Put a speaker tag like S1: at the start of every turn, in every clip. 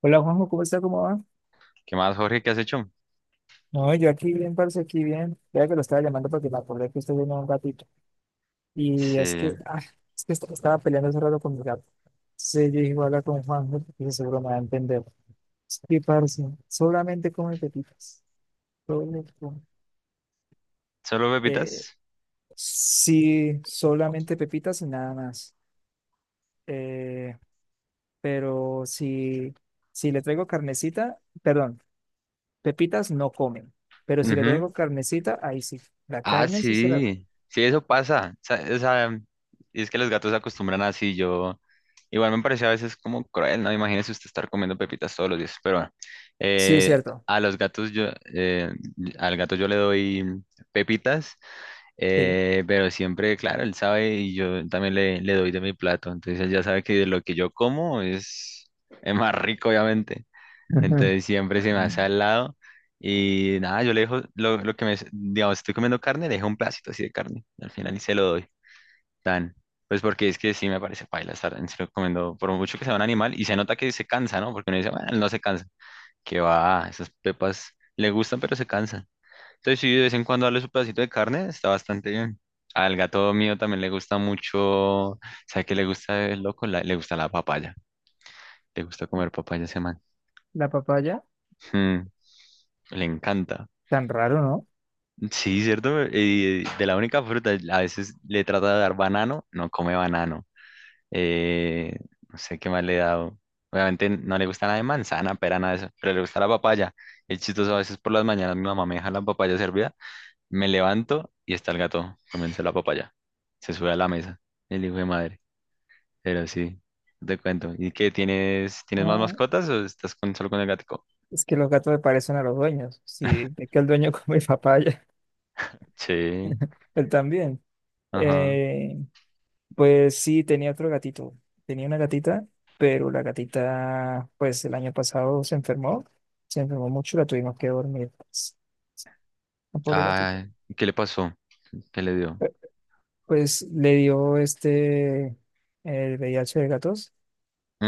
S1: Hola Juanjo, ¿cómo está? ¿Cómo va?
S2: ¿Qué más, Jorge? ¿Qué has hecho?
S1: No, yo aquí bien, parce, aquí bien. Ya que lo estaba llamando porque me acordé que usted tenía un gatito. Y
S2: Sí.
S1: es que, es que estaba peleando hace rato con mi gato. Sí, yo dije, voy a hablar con Juanjo porque seguro me va a entender. Sí, parce, solamente come pepitas. Solo come-
S2: ¿Solo
S1: Eh,
S2: pepitas?
S1: sí, solamente pepitas y nada más. Eh, pero si, si le traigo carnecita, perdón, pepitas no comen. Pero si le
S2: Ujú.
S1: traigo carnecita, ahí sí. La
S2: Ah,
S1: carne sí se la come.
S2: sí. Sí, eso pasa. O sea, y es que los gatos se acostumbran así. Yo, igual me parecía a veces como cruel, ¿no? Imagínese usted estar comiendo pepitas todos los días. Pero bueno,
S1: Sí,
S2: eh,
S1: cierto.
S2: a los gatos yo, eh, al gato yo le doy pepitas,
S1: Sí.
S2: pero siempre, claro, él sabe y yo también le doy de mi plato. Entonces él ya sabe que de lo que yo como es más rico, obviamente.
S1: Ujú.
S2: Entonces siempre se me hace al lado. Y nada, yo le dejo lo que me, digamos, estoy comiendo carne, le dejo un pedacito así de carne. Al final y se lo doy. Tan. Pues porque es que sí me parece paila estar en serio comiendo, por mucho que sea un animal, y se nota que se cansa, ¿no? Porque uno dice, bueno, él no se cansa. Que va, esas pepas le gustan, pero se cansan. Entonces, sí, de vez en cuando darle su pedacito de carne, está bastante bien. Al gato mío también le gusta mucho. ¿Sabe qué le gusta el loco? Le gusta la papaya. Le gusta comer papaya a ese man.
S1: La papaya,
S2: Mm, Le encanta.
S1: tan raro, ¿no?
S2: Sí, cierto. De la única fruta, a veces le trata de dar banano, no come banano. Eh, no sé qué más le he dado. Obviamente no le gusta nada de manzana, pera, nada de eso, pero le gusta la papaya. Es chistoso, a veces por las mañanas mi mamá me deja la papaya servida, me levanto y está el gato comiéndose la papaya. Se sube a la mesa, el hijo de madre. Pero sí, te cuento. ¿Y qué tienes? ¿Tienes más
S1: Ah,
S2: mascotas o estás solo con el gatico?
S1: es que los gatos le parecen a los dueños. Sí, es que el dueño come papaya,
S2: Sí,
S1: él también.
S2: ajá.
S1: Eh, pues sí, tenía otro gatito. Tenía una gatita, pero la gatita, pues el año pasado se enfermó. Se enfermó mucho, la tuvimos que dormir. Pues, la pobre gatita.
S2: Ah, ¿qué le pasó? ¿Qué le dio?
S1: Pues le dio este, el VIH de gatos,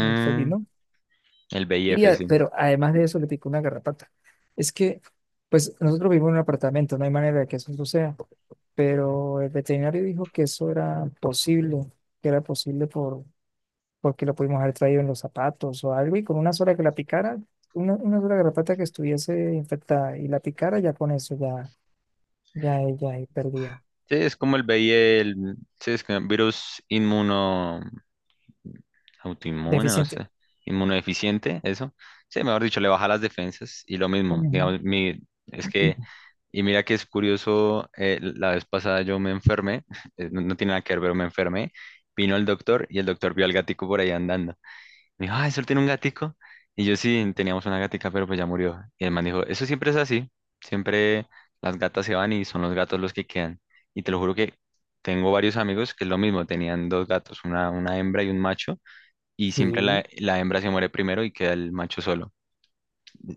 S1: el felino.
S2: El V I F sí.
S1: Pero además de eso le picó una garrapata. Es que, pues nosotros vivimos en un apartamento, no hay manera de que eso suceda, pero el veterinario dijo que eso era posible, que era posible porque lo pudimos haber traído en los zapatos o algo, y con una sola que la picara, una sola garrapata que estuviese infectada y la picara, ya con eso ya, ya ella ahí perdía.
S2: Sí, es como el VIH, el, sí, es que virus inmuno, autoinmune, no
S1: Deficiente.
S2: sé, inmunodeficiente, eso. Sí, mejor dicho, le baja las defensas y lo mismo,
S1: Ujú.
S2: digamos, es que, y mira que es curioso, la vez pasada yo me enfermé, no, no tiene nada que ver, pero me enfermé, vino el doctor y el doctor vio al gatico por ahí andando. Me dijo, ah, ¿solo tiene un gatico? Y yo sí, teníamos una gatica, pero pues ya murió. Y el man dijo, eso siempre es así, siempre las gatas se van y son los gatos los que quedan. Y te lo juro que tengo varios amigos que es lo mismo, tenían dos gatos, una hembra y un macho, y siempre la,
S1: Sí.
S2: la hembra se muere primero y queda el macho solo.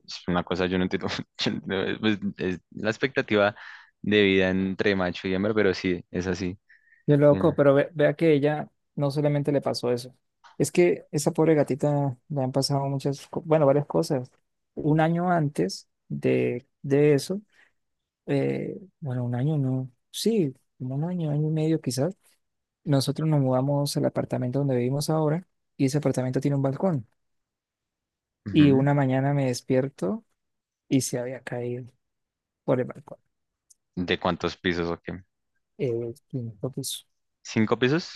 S2: Es una cosa, yo no entiendo, yo no- pues, es la expectativa de vida entre macho y hembra, pero sí, es así.
S1: Qué
S2: Sí.
S1: loco, pero vea que ella no solamente le pasó eso. Es que esa pobre gatita le han pasado muchas, bueno, varias cosas. Un año antes de eso, bueno, un año no, sí, como un año, año y medio quizás, nosotros nos mudamos al apartamento donde vivimos ahora y ese apartamento tiene un balcón. Y
S2: Ujú.
S1: una mañana me despierto y se había caído por el balcón,
S2: ¿De cuántos pisos o...?
S1: el quinto piso.
S2: Cinco pisos.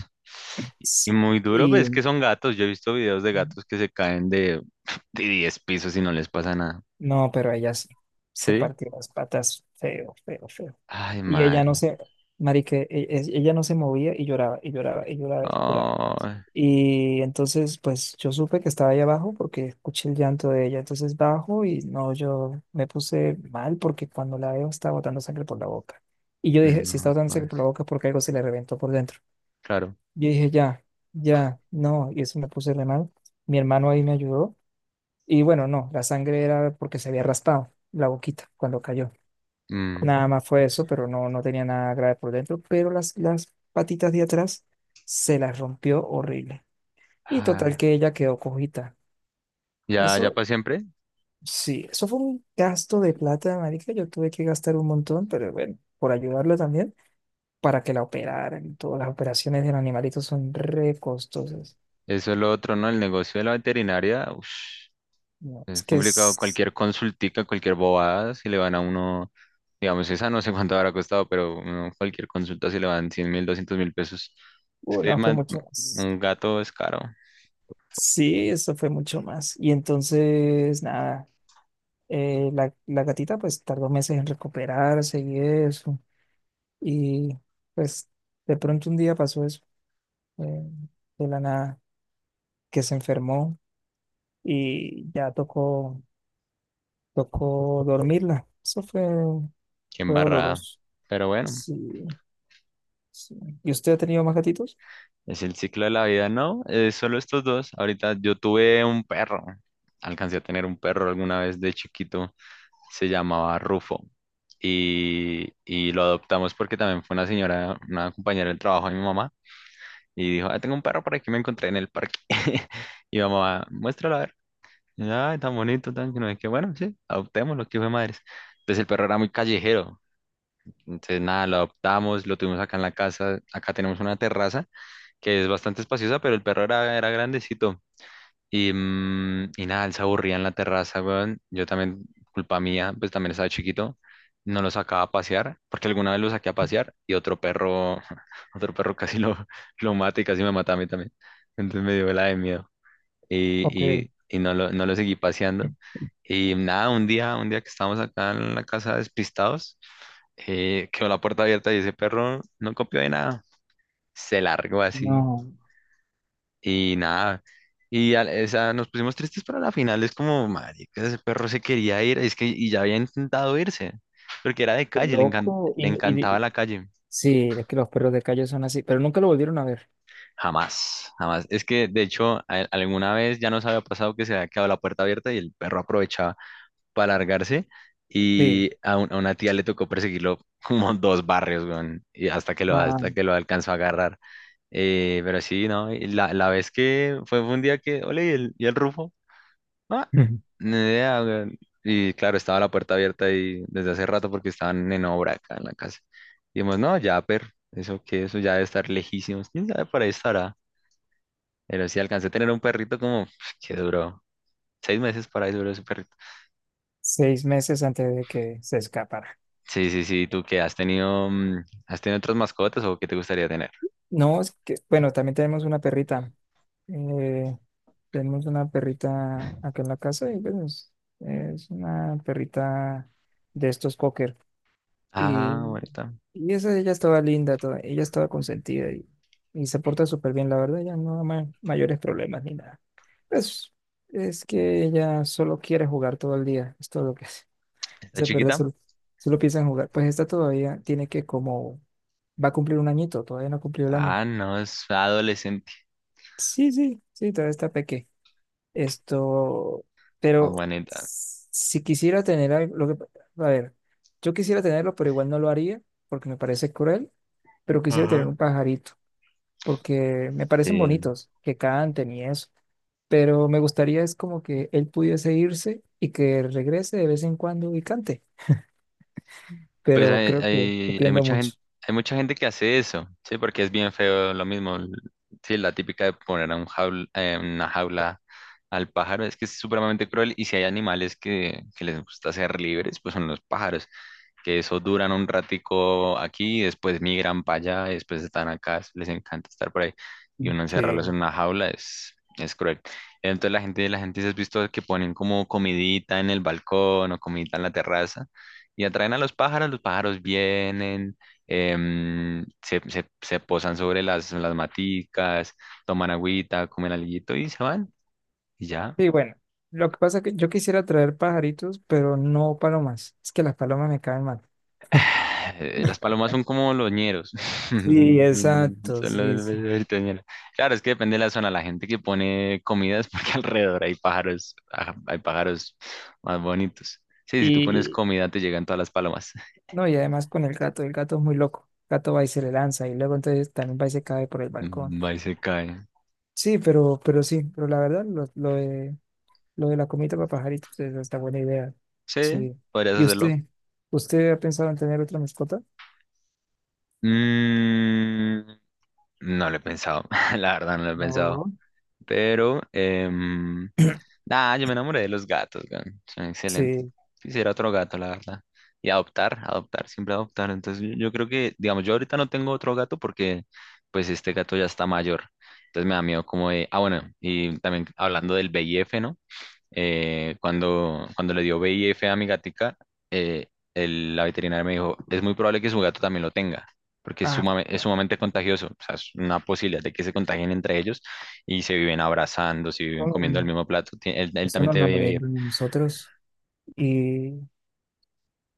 S2: Y
S1: Sí.
S2: muy duro, pues
S1: Y
S2: es que son gatos. Yo he visto videos de gatos que se caen de, de 10 pisos y no les pasa nada.
S1: no, pero ella sí se
S2: ¿Sí?
S1: partió las patas feo, feo, feo.
S2: Ay,
S1: Y ella no
S2: madre.
S1: se, marique, ella no se movía y lloraba, y lloraba, y lloraba, y lloraba.
S2: Ay,
S1: Y entonces, pues yo supe que estaba ahí abajo porque escuché el llanto de ella. Entonces bajo y no, yo me puse mal porque cuando la veo estaba botando sangre por la boca. Y yo dije, si está
S2: no,
S1: botando sangre
S2: pues,
S1: por la boca es porque algo se le reventó por dentro.
S2: claro.
S1: Yo dije, ya, ya, no. Y eso me puse re mal. Mi hermano ahí me ayudó. Y bueno, no, la sangre era porque se había raspado la boquita cuando cayó.
S2: Mm,
S1: Nada más fue eso, pero no, no tenía nada grave por dentro, pero las patitas de atrás se las rompió horrible. Y total
S2: ah,
S1: que ella quedó cojita.
S2: ya, ya
S1: Eso,
S2: para siempre.
S1: sí, eso fue un gasto de plata, marica. Yo tuve que gastar un montón, pero bueno, por ayudarla también, para que la operaran. Todas las operaciones del animalito son re costosas.
S2: Eso es lo otro, ¿no? El negocio de la veterinaria, ush,
S1: No, es
S2: es
S1: que
S2: complicado.
S1: es...
S2: Cualquier consultica, cualquier bobada, si le van a uno, digamos, esa no sé cuánto habrá costado, pero uno, cualquier consulta, si le van 100 mil, 200 mil pesos. Es que
S1: No, fue mucho.
S2: un gato es caro.
S1: Sí, eso fue mucho más. Y entonces, nada, la gatita pues tardó meses en recuperarse y eso. Y pues de pronto un día pasó eso, eh, de la nada, que se enfermó y ya tocó, tocó dormirla. Eso fue,
S2: Qué
S1: fue
S2: embarrada.
S1: doloroso.
S2: Pero bueno,
S1: Sí, sí. ¿Y usted ha tenido más gatitos?
S2: es el ciclo de la vida, ¿no? Es solo estos dos. Ahorita yo tuve un perro. Alcancé a tener un perro alguna vez de chiquito. Se llamaba Rufo. Y lo adoptamos porque también fue una señora, una compañera del trabajo de mi mamá. Y dijo, ah, tengo un perro por aquí, me encontré en el parque. Y mamá, muéstralo a ver. Y, yo, ay, tan bonito, tan que no es que bueno, sí, adoptémoslo, que hijo de madres. Entonces el perro era muy callejero. Entonces nada, lo adoptamos, lo tuvimos acá en la casa. Acá tenemos una terraza que es bastante espaciosa, pero el perro era grandecito. Y nada, él se aburría en la terraza, weón. Yo también, culpa mía, pues también estaba chiquito. No lo sacaba a pasear, porque alguna vez lo saqué a pasear y otro perro, otro perro casi lo, lo mata y casi me mata a mí también. Entonces me dio la de miedo
S1: Ok,
S2: y, y no lo, seguí paseando. Y nada, un día que estábamos acá en la casa despistados, quedó la puerta abierta y ese perro no copió de nada. Se largó así
S1: no,
S2: y nada, y o sea, nos pusimos tristes pero a la final, es como, marica, ese perro se quería ir, es que, y ya había intentado irse, porque era de
S1: qué
S2: calle,
S1: loco.
S2: le encantaba la calle.
S1: Sí, es que los perros de calle son así, pero nunca lo volvieron a ver.
S2: Jamás, jamás. Es que, de hecho, alguna vez ya nos había pasado que se había quedado la puerta abierta y el perro aprovechaba para largarse,
S1: Sí.
S2: a una tía le tocó perseguirlo como dos barrios, weón, y hasta que lo,
S1: Ah.
S2: hasta que lo alcanzó a agarrar. Pero sí, ¿no? Y la, la vez que fue un día que, ole, y el Rufo. Ah, ni idea, weón. Y claro, estaba la puerta abierta y desde hace rato porque estaban en obra acá en la casa. Y dijimos, no, ya, pero eso que eso ya debe estar lejísimos. ¿Quién sabe por ahí estará? Pero sí alcancé a tener un perrito como que duró seis meses. Para ahí duró ese perrito.
S1: Seis meses antes de que se escapara.
S2: Sí, sí, sí. ¿Tú qué has tenido? ¿Has tenido otras mascotas o qué te gustaría tener?
S1: No, es que, bueno, también tenemos una perrita. Eh, tenemos una perrita acá en la casa y pues es una perrita de estos cocker. Y,
S2: Ah, bonita.
S1: y esa ella estaba linda, toda, ella estaba consentida y se porta súper bien, la verdad, ya no da mayores problemas ni nada. Pues es que ella solo quiere jugar todo el día, es todo lo que hace.
S2: ¿Está
S1: Esa perra
S2: chiquita?
S1: solo, solo piensa en jugar. Pues esta todavía tiene que como... Va a cumplir un añito, todavía no ha cumplido el año.
S2: Ah, no, es adolescente.
S1: Sí, sí, sí, todavía está peque. Esto,
S2: Ah,
S1: pero
S2: bonita.
S1: si quisiera tener algo, lo que, a ver, yo quisiera tenerlo, pero igual no lo haría porque me parece cruel, pero quisiera tener un pajarito porque me parecen
S2: Sí.
S1: bonitos, que canten y eso, pero me gustaría es como que él pudiese irse y que regrese de vez en cuando y cante,
S2: Pues
S1: pero
S2: hay,
S1: creo que estoy
S2: hay, hay
S1: pidiendo
S2: mucha
S1: mucho.
S2: gente, hay mucha gente que hace eso, sí, porque es bien feo lo mismo. Sí, la típica de poner a un una jaula al pájaro es que es supremamente cruel. Y si hay animales que les gusta ser libres, pues son los pájaros que eso duran un ratico aquí, después migran para allá, después están acá, les encanta estar por ahí, y uno encerrarlos
S1: Sí.
S2: en una jaula es cruel. Entonces la gente se has visto que ponen como comidita en el balcón o comidita en la terraza y atraen a los pájaros vienen, se posan sobre las maticas, toman agüita, comen alguito y se van. Y ya.
S1: Sí, bueno, lo que pasa es que yo quisiera traer pajaritos, pero no palomas. Es que las palomas me caen mal.
S2: Las palomas son como los ñeros.
S1: Sí, exacto,
S2: Son
S1: sí,
S2: los
S1: sí.
S2: verdaderitos ñeros. Claro, es que depende de la zona. La gente que pone comidas porque alrededor hay pájaros, hay pájaros más bonitos. Sí, si tú pones
S1: Y
S2: comida te llegan todas las palomas.
S1: no, y además con el gato es muy loco. El gato va y se le lanza y luego entonces también va y se cae por el balcón.
S2: Va y se cae.
S1: Sí, pero sí, pero la verdad, lo de la comida para pajaritos es hasta buena idea.
S2: Sí,
S1: Sí.
S2: podrías
S1: ¿Y
S2: hacerlo.
S1: usted? ¿Usted ha pensado en tener otra mascota?
S2: Mm, no lo he pensado. La verdad, no lo he pensado.
S1: No.
S2: Pero, em, Nah, yo me enamoré de los gatos, weón. Son excelentes.
S1: Sí.
S2: Quisiera otro gato, la verdad. Y adoptar, adoptar, siempre adoptar. Entonces yo creo que, digamos, yo ahorita no tengo otro gato porque pues este gato ya está mayor. Entonces me da miedo como de, ah, bueno, y también hablando del V I. F. ¿no? Cuando, cuando le dio VIF a mi gatica, eh, la veterinaria me dijo, es muy probable que su gato también lo tenga, porque es,
S1: Ah,
S2: sumame- es
S1: bueno,
S2: sumamente contagioso, o sea, es una posibilidad de que se contagien entre ellos y se viven abrazando, se
S1: no,
S2: viven
S1: no,
S2: comiendo el
S1: no.
S2: mismo plato. Él
S1: Eso
S2: también
S1: no,
S2: tiene
S1: no lo
S2: VIF.
S1: leemos nosotros. Y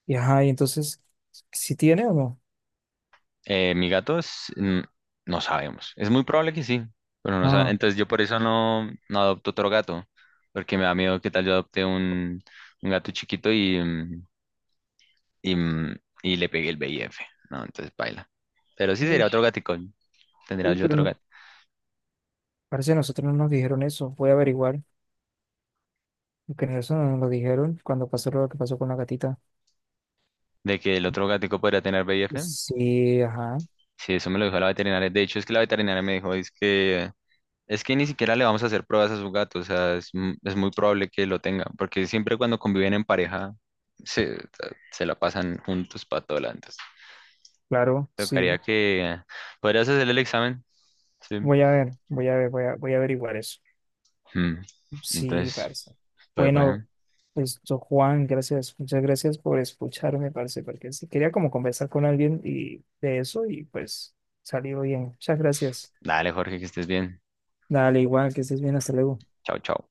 S1: y ajá, y entonces, ¿si tiene o no?
S2: Mi gato es, no sabemos, es muy probable que sí, pero no sa-
S1: Ah,
S2: entonces yo por eso no adopto otro gato, porque me da miedo que tal yo adopte un gato chiquito y, mm, y le pegué el VIF, ¿no? Entonces baila. Pero sí sería
S1: uy,
S2: otro gatico, tendría
S1: uy,
S2: yo
S1: pero
S2: otro
S1: no,
S2: gato.
S1: parece que nosotros no nos dijeron eso. Voy a averiguar, porque eso no nos lo dijeron cuando pasó lo que pasó con la gatita.
S2: De que el otro gatico podría tener VIF,
S1: Sí, ajá,
S2: sí, eso me lo dijo la veterinaria. De hecho, es que la veterinaria me dijo, es que ni siquiera le vamos a hacer pruebas a su gato, o sea, es muy probable que lo tenga, porque siempre cuando conviven en pareja, se, se la pasan juntos para todo lado. Entonces,
S1: claro,
S2: tocaría
S1: sí.
S2: que, podrías hacer el examen, sí.
S1: Voy a ver, voy a ver, voy a, voy a averiguar eso.
S2: Mm,
S1: Sí,
S2: Entonces,
S1: parce.
S2: pues bueno,
S1: Bueno, esto, Juan, gracias, muchas gracias por escucharme, parce, porque sí quería como conversar con alguien y de eso y pues salió bien. Muchas gracias.
S2: dale Jorge, que estés bien.
S1: Dale, igual, que estés bien, hasta luego.
S2: Chao, chao.